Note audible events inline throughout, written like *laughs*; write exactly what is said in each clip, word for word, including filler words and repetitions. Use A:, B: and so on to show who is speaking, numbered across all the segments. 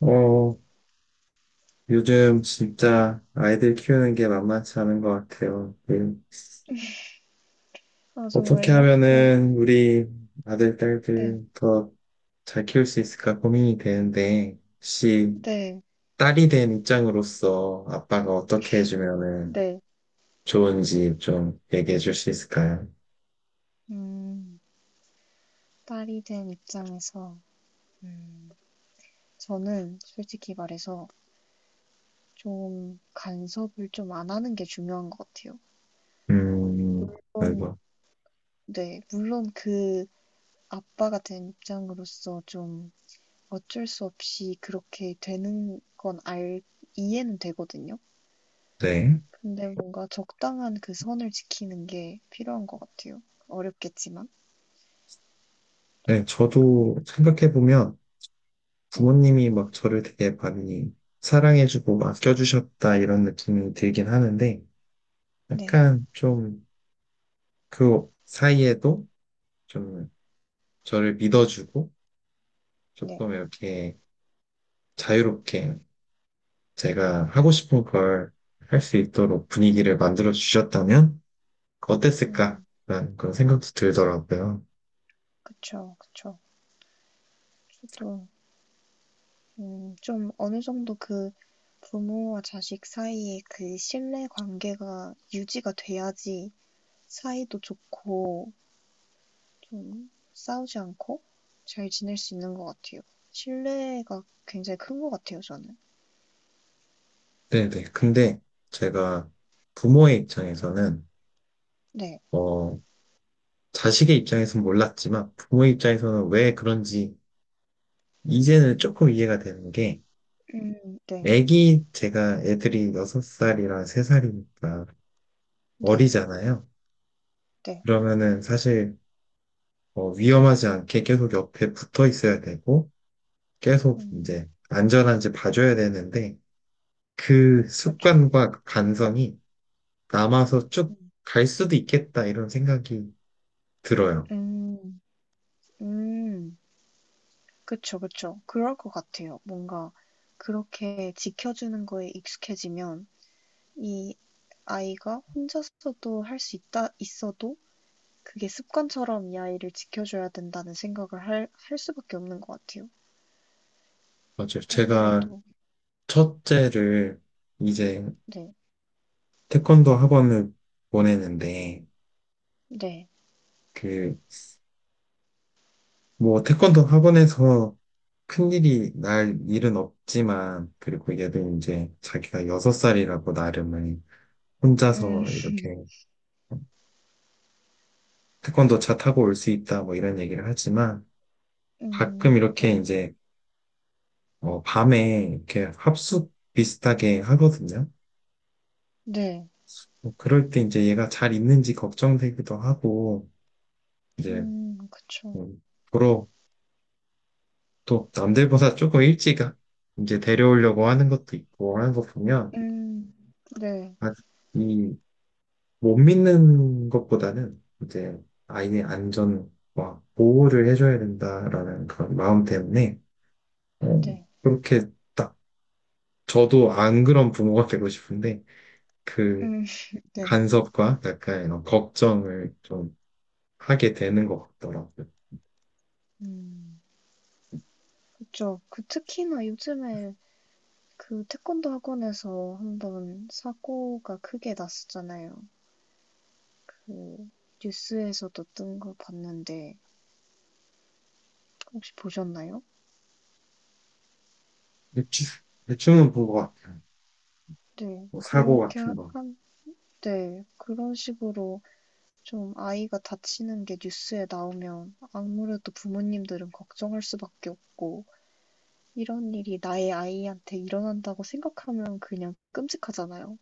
A: 어, 요즘 진짜 아이들 키우는 게 만만치 않은 것 같아요. 그,
B: 아,
A: 어떻게
B: 정말요? 그,
A: 하면은 우리 아들,
B: 네,
A: 딸들 더 잘 키울 수 있을까 고민이 되는데, 혹시
B: 네,
A: 딸이 된 입장으로서 아빠가 어떻게 해주면은
B: 네.
A: 좋은지 좀 얘기해 줄 수 있을까요?
B: 음, 딸이 된 입장에서, 음, 저는 솔직히 말해서 좀 간섭을 좀 안 하는 게 중요한 것 같아요.
A: 음,
B: 물론,
A: 아이고.
B: 네, 물론 그 아빠가 된 입장으로서 좀 어쩔 수 없이 그렇게 되는 건 알, 이해는 되거든요.
A: 네.
B: 근데 네. 뭔가 적당한 그 선을 지키는 게 필요한 것 같아요. 어렵겠지만.
A: 네, 저도 생각해보면
B: 네,
A: 부모님이 막 저를 되게 많이 사랑해주고 아껴주셨다 이런 느낌이 들긴 하는데,
B: 네,
A: 약간 좀 그 사이에도 좀 저를 믿어주고
B: 네.
A: 조금 이렇게 자유롭게 제가 하고 싶은 걸 할 수 있도록 분위기를 만들어 주셨다면
B: 음.
A: 어땠을까라는 그런 생각도 들더라고요.
B: 그쵸, 그쵸. 저도 음, 좀 어느 정도 그 부모와 자식 사이에 그 신뢰 관계가 유지가 돼야지 사이도 좋고 좀 싸우지 않고 잘 지낼 수 있는 것 같아요. 신뢰가 굉장히 큰 것 같아요, 저는.
A: 네네. 근데 제가 부모의
B: 네,
A: 입장에서는
B: 네,
A: 어 자식의 입장에서는 몰랐지만 부모의 입장에서는 왜 그런지 이제는
B: 음,
A: 조금 이해가 되는 게
B: 음, 네,
A: 애기 제가 애들이 여섯 살이랑 세 살이니까
B: 네,
A: 어리잖아요.
B: 네,
A: 그러면은 사실 어, 위험하지 않게 계속 옆에 붙어 있어야 되고 계속
B: 음,
A: 이제 안전한지 봐줘야 되는데 그
B: 그쵸.
A: 습관과 그 간성이 남아서 쭉
B: 음,
A: 갈 수도 있겠다 이런 생각이 들어요.
B: 음, 음, 그쵸, 그쵸. 그럴 것 같아요. 뭔가 그렇게 지켜주는 거에 익숙해지면 이 아이가 혼자서도 할 수 있다 있어도 그게 습관처럼 이 아이를 지켜줘야 된다는 생각을 할, 할 수밖에 없는 것 같아요.
A: 맞아요. 제가
B: 아무래도
A: 첫째를 이제
B: 네,
A: 태권도 학원을 보내는데
B: 네,
A: 그 뭐 태권도 학원에서 큰일이 날 일은 없지만, 그리고 얘도 이제 자기가 여섯 살이라고 나름은
B: 음,
A: 혼자서 이렇게 태권도 차 타고 올 수 있다 뭐 이런 얘기를 하지만 가끔
B: 음,
A: 이렇게
B: 네,
A: 이제 어, 밤에 이렇게 합숙 비슷하게 하거든요.
B: 네,
A: 뭐 그럴 때 이제 얘가 잘 있는지 걱정되기도 하고 이제
B: 음, 그쵸,
A: 음, 보러 또 남들보다 조금 일찍 아, 이제 데려오려고 하는 것도 있고 하는 거 보면
B: 음, 네,
A: 아, 이못 믿는 것보다는 이제 아이의 안전과 보호를 해줘야 된다라는 그런 마음 때문에 어,
B: 네,
A: 그렇게 저도 안 그런 부모가 되고 싶은데 그
B: 음, *laughs* 네,
A: 간섭과 약간 이런 걱정을 좀 하게 되는 것 같더라고요.
B: 음, 그쵸. 그 특히나 요즘에 그 태권도 학원에서 한번 사고가 크게 났었잖아요. 그 뉴스에서도 뜬 거 봤는데 혹시 보셨나요?
A: 대충, 대충은 본 것 같아요.
B: 네.
A: 뭐 사고
B: 그렇게
A: 같은 거.
B: 한, 네. 그런 식으로 좀 아이가 다치는 게 뉴스에 나오면 아무래도 부모님들은 걱정할 수밖에 없고 이런 일이 나의 아이한테 일어난다고 생각하면 그냥 끔찍하잖아요.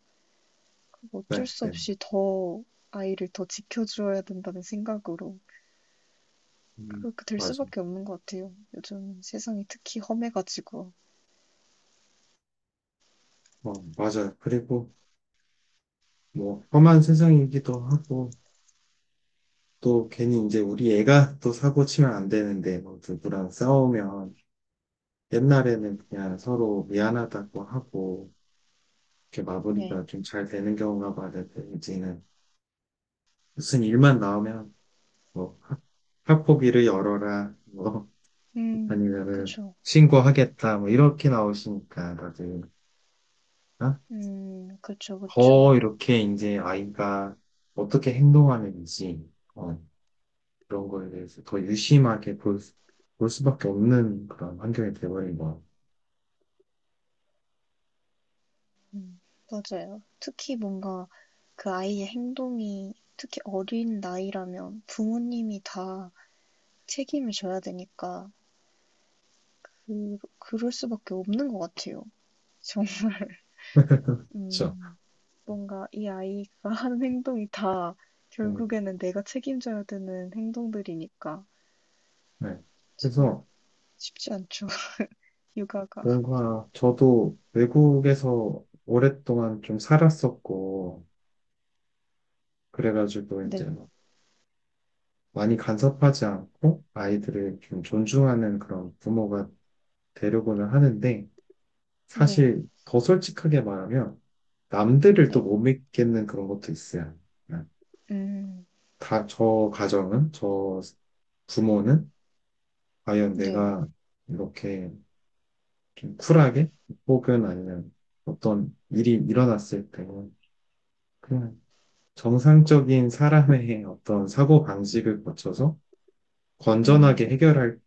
A: 네,
B: 어쩔 수
A: 네.
B: 없이 더 아이를 더 지켜줘야 된다는 생각으로
A: 음,
B: 그렇게 될
A: 맞아요.
B: 수밖에 없는 것 같아요. 요즘 세상이 특히 험해가지고.
A: 어, 맞아요. 그리고 뭐 험한 세상이기도 하고 또 괜히 이제 우리 애가 또 사고 치면 안 되는데 뭐 누구랑 싸우면 옛날에는 그냥 서로 미안하다고 하고 이렇게
B: 네.
A: 마무리가 좀 잘 되는 경우가 많은데 이제는 무슨 일만 나오면 뭐 학폭위를 열어라 뭐
B: 음,
A: 아니면은
B: 그쵸.
A: 신고하겠다 뭐 이렇게 나오시니까 다들 어?
B: 음, 그쵸,
A: 더
B: 그쵸.
A: 이렇게 이제 아이가 어떻게 행동하는지 어, 그런 거에 대해서 더 유심하게 볼, 수- 볼 수밖에 없는 그런 환경이 돼버린 거
B: 음, 맞아요. 특히 뭔가 그 아이의 행동이 특히 어린 나이라면 부모님이 다 책임을 져야 되니까 그, 그럴 수밖에 없는 것 같아요. 정,
A: 같죠.
B: 음, 뭔가 이 아이가 *laughs* 하는 행동이 다
A: 네.
B: 결국에는 내가 책임져야 되는 행동들이니까
A: 네.
B: 참
A: 그래서
B: 쉽지 않죠. *laughs* 육아가.
A: 뭔가 저도 외국에서 오랫동안 좀 살았었고 그래가지고 이제
B: 네,
A: 뭐 많이 간섭하지 않고 아이들을 좀 존중하는 그런 부모가 되려고는 하는데
B: 네,
A: 사실 더 솔직하게 말하면 남들을 또
B: 네.
A: 못 믿겠는 그런 것도 있어요. 그냥
B: 음,
A: 다, 저 가정은, 저 부모는 과연
B: 네,
A: 내가 이렇게 좀 쿨하게 혹은 아니면 어떤 일이 일어났을 때 그냥 정상적인 사람의 *laughs* 어떤 사고 방식을 거쳐서 건전하게
B: 음,
A: 해결할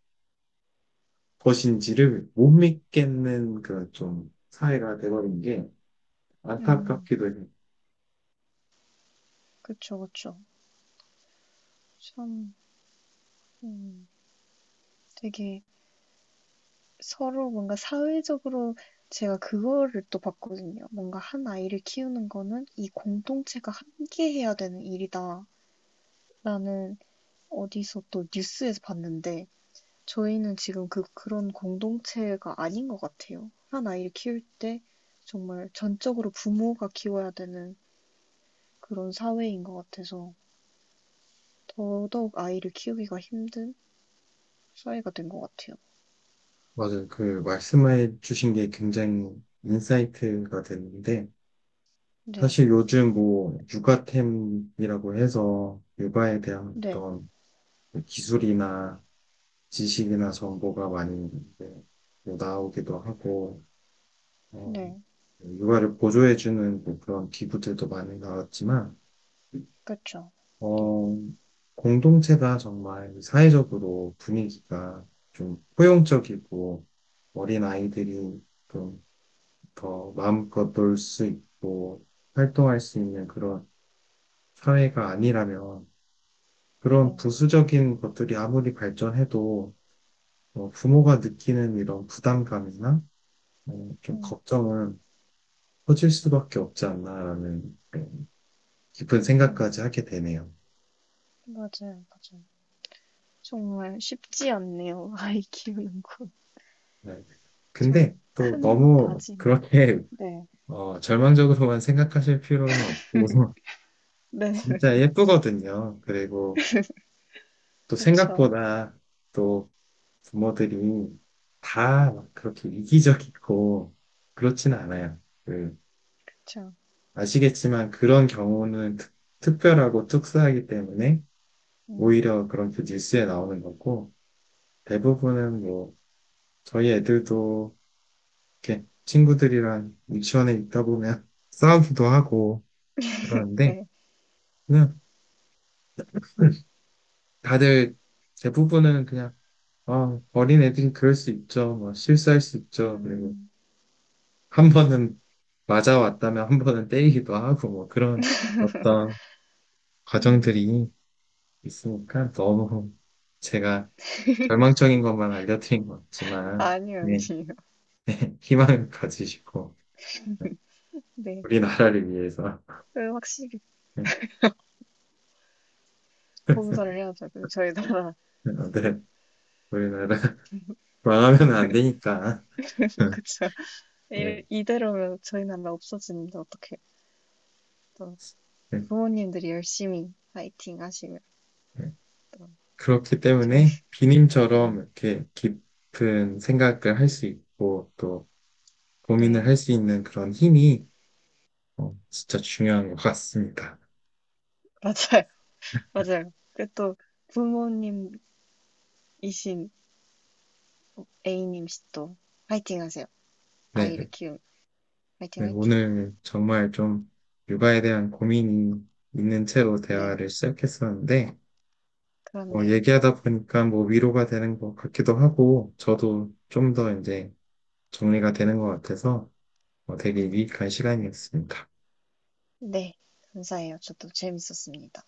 A: 것인지를 못 믿겠는 그 좀 사회가 돼버린 게
B: 음.
A: 안타깝기도 해요.
B: 그쵸, 그쵸. 참, 음, 되게 서로 뭔가 사회적으로 제가 그거를 또 봤거든요. 뭔가 한 아이를 키우는 거는 이 공동체가 함께 해야 되는 일이다라는 어디서 또 뉴스에서 봤는데 저희는 지금 그 그런 공동체가 아닌 것 같아요. 한 아이를 키울 때 정말 전적으로 부모가 키워야 되는 그런 사회인 것 같아서 더더욱 아이를 키우기가 힘든 사회가 된 것 같아요.
A: 맞아요. 그 말씀해 주신 게 굉장히 인사이트가 됐는데
B: 네,
A: 사실 요즘 뭐 육아템이라고 해서 육아에 대한
B: 네,
A: 어떤 기술이나 지식이나 정보가 많이 이제 뭐 나오기도 하고 어,
B: 네,
A: 육아를 보조해주는 뭐 그런 기구들도 많이 나왔지만
B: 그렇죠. 네,
A: 어, 공동체가 정말 사회적으로 분위기가 좀 포용적이고 어린 아이들이 좀 더 마음껏 놀 수 있고 활동할 수 있는 그런 사회가 아니라면 그런
B: 네,
A: 부수적인 것들이 아무리 발전해도 어, 부모가 느끼는 이런 부담감이나 어, 좀
B: 음,
A: 걱정은 커질 수밖에 없지 않나라는 네, 깊은 생각까지
B: 음. 음.
A: 하게 되네요.
B: 맞아요, 맞아요. 정말 쉽지 않네요. *laughs* 아이 키우는 건.
A: 네. 근데
B: 좀
A: 또
B: 큰
A: 너무
B: 다짐.
A: 그렇게 *laughs*
B: 네,
A: 어, 절망적으로만 생각하실 필요는 없고, *laughs*
B: 네, *laughs*
A: 진짜 예쁘거든요. 그리고 또
B: 그렇죠
A: 생각보다 또 부모들이 다 그렇게 이기적이고, 그렇진 않아요. 그,
B: 그죠
A: 아시겠지만 그런 경우는 특, 특별하고 특수하기 때문에
B: 음,
A: 오히려 그런 그 뉴스에 나오는 거고, 대부분은 뭐, 저희 애들도 이렇게 친구들이랑 유치원에 있다 보면 *laughs* 싸우기도 하고, 그러는데,
B: 네,
A: 그냥 다들 대부분은 그냥 아, 어린 애들이 그럴 수 있죠. 뭐 실수할 수 있죠. 그리고
B: 음,
A: 한 번은 맞아왔다면 한 번은 때리기도 하고 뭐 그런 어떤
B: 음.
A: 과정들이 있으니까 너무 제가 절망적인 것만 알려드린 것 같지만
B: 아니요,
A: 예,
B: 아니요.
A: *laughs* 희망을 가지시고
B: 네,
A: 우리나라를 위해서
B: 그 확실히
A: *laughs* 네,
B: 봉사를 해야죠. 그 저희 나라,
A: 우리나라 *laughs* 망하면 안 되니까
B: *laughs*
A: *laughs*
B: 그렇
A: 네,
B: 이- *laughs* 이대로면 저희 나라 없어지는데 어떻게 또
A: 네,
B: 부모님들이 열심히 파이팅 하시면
A: 네.
B: 또
A: 그렇기
B: 저희,
A: 때문에
B: 네,
A: 비님처럼 이렇게 깊은 생각을 할 수 있고 또 고민을
B: 네,
A: 할 수 있는 그런 힘이 어, 진짜 중요한 것 같습니다.
B: 맞아요, 맞아요. 그또 부모님이신 A님 씨도 화이팅 하세요.
A: 네,
B: 아이를 키우 화이팅
A: 네,
B: 화이팅.
A: 오늘 정말 좀 육아에 대한 고민이 있는 채로
B: 네,
A: 대화를 시작했었는데 어,
B: 그렇네요.
A: 얘기하다 보니까 뭐 위로가 되는 것 같기도 하고 저도 좀 더 이제 정리가 되는 것 같아서 어, 되게
B: 음.
A: 유익한 시간이었습니다.
B: 네, 감사해요. 저도 재밌었습니다.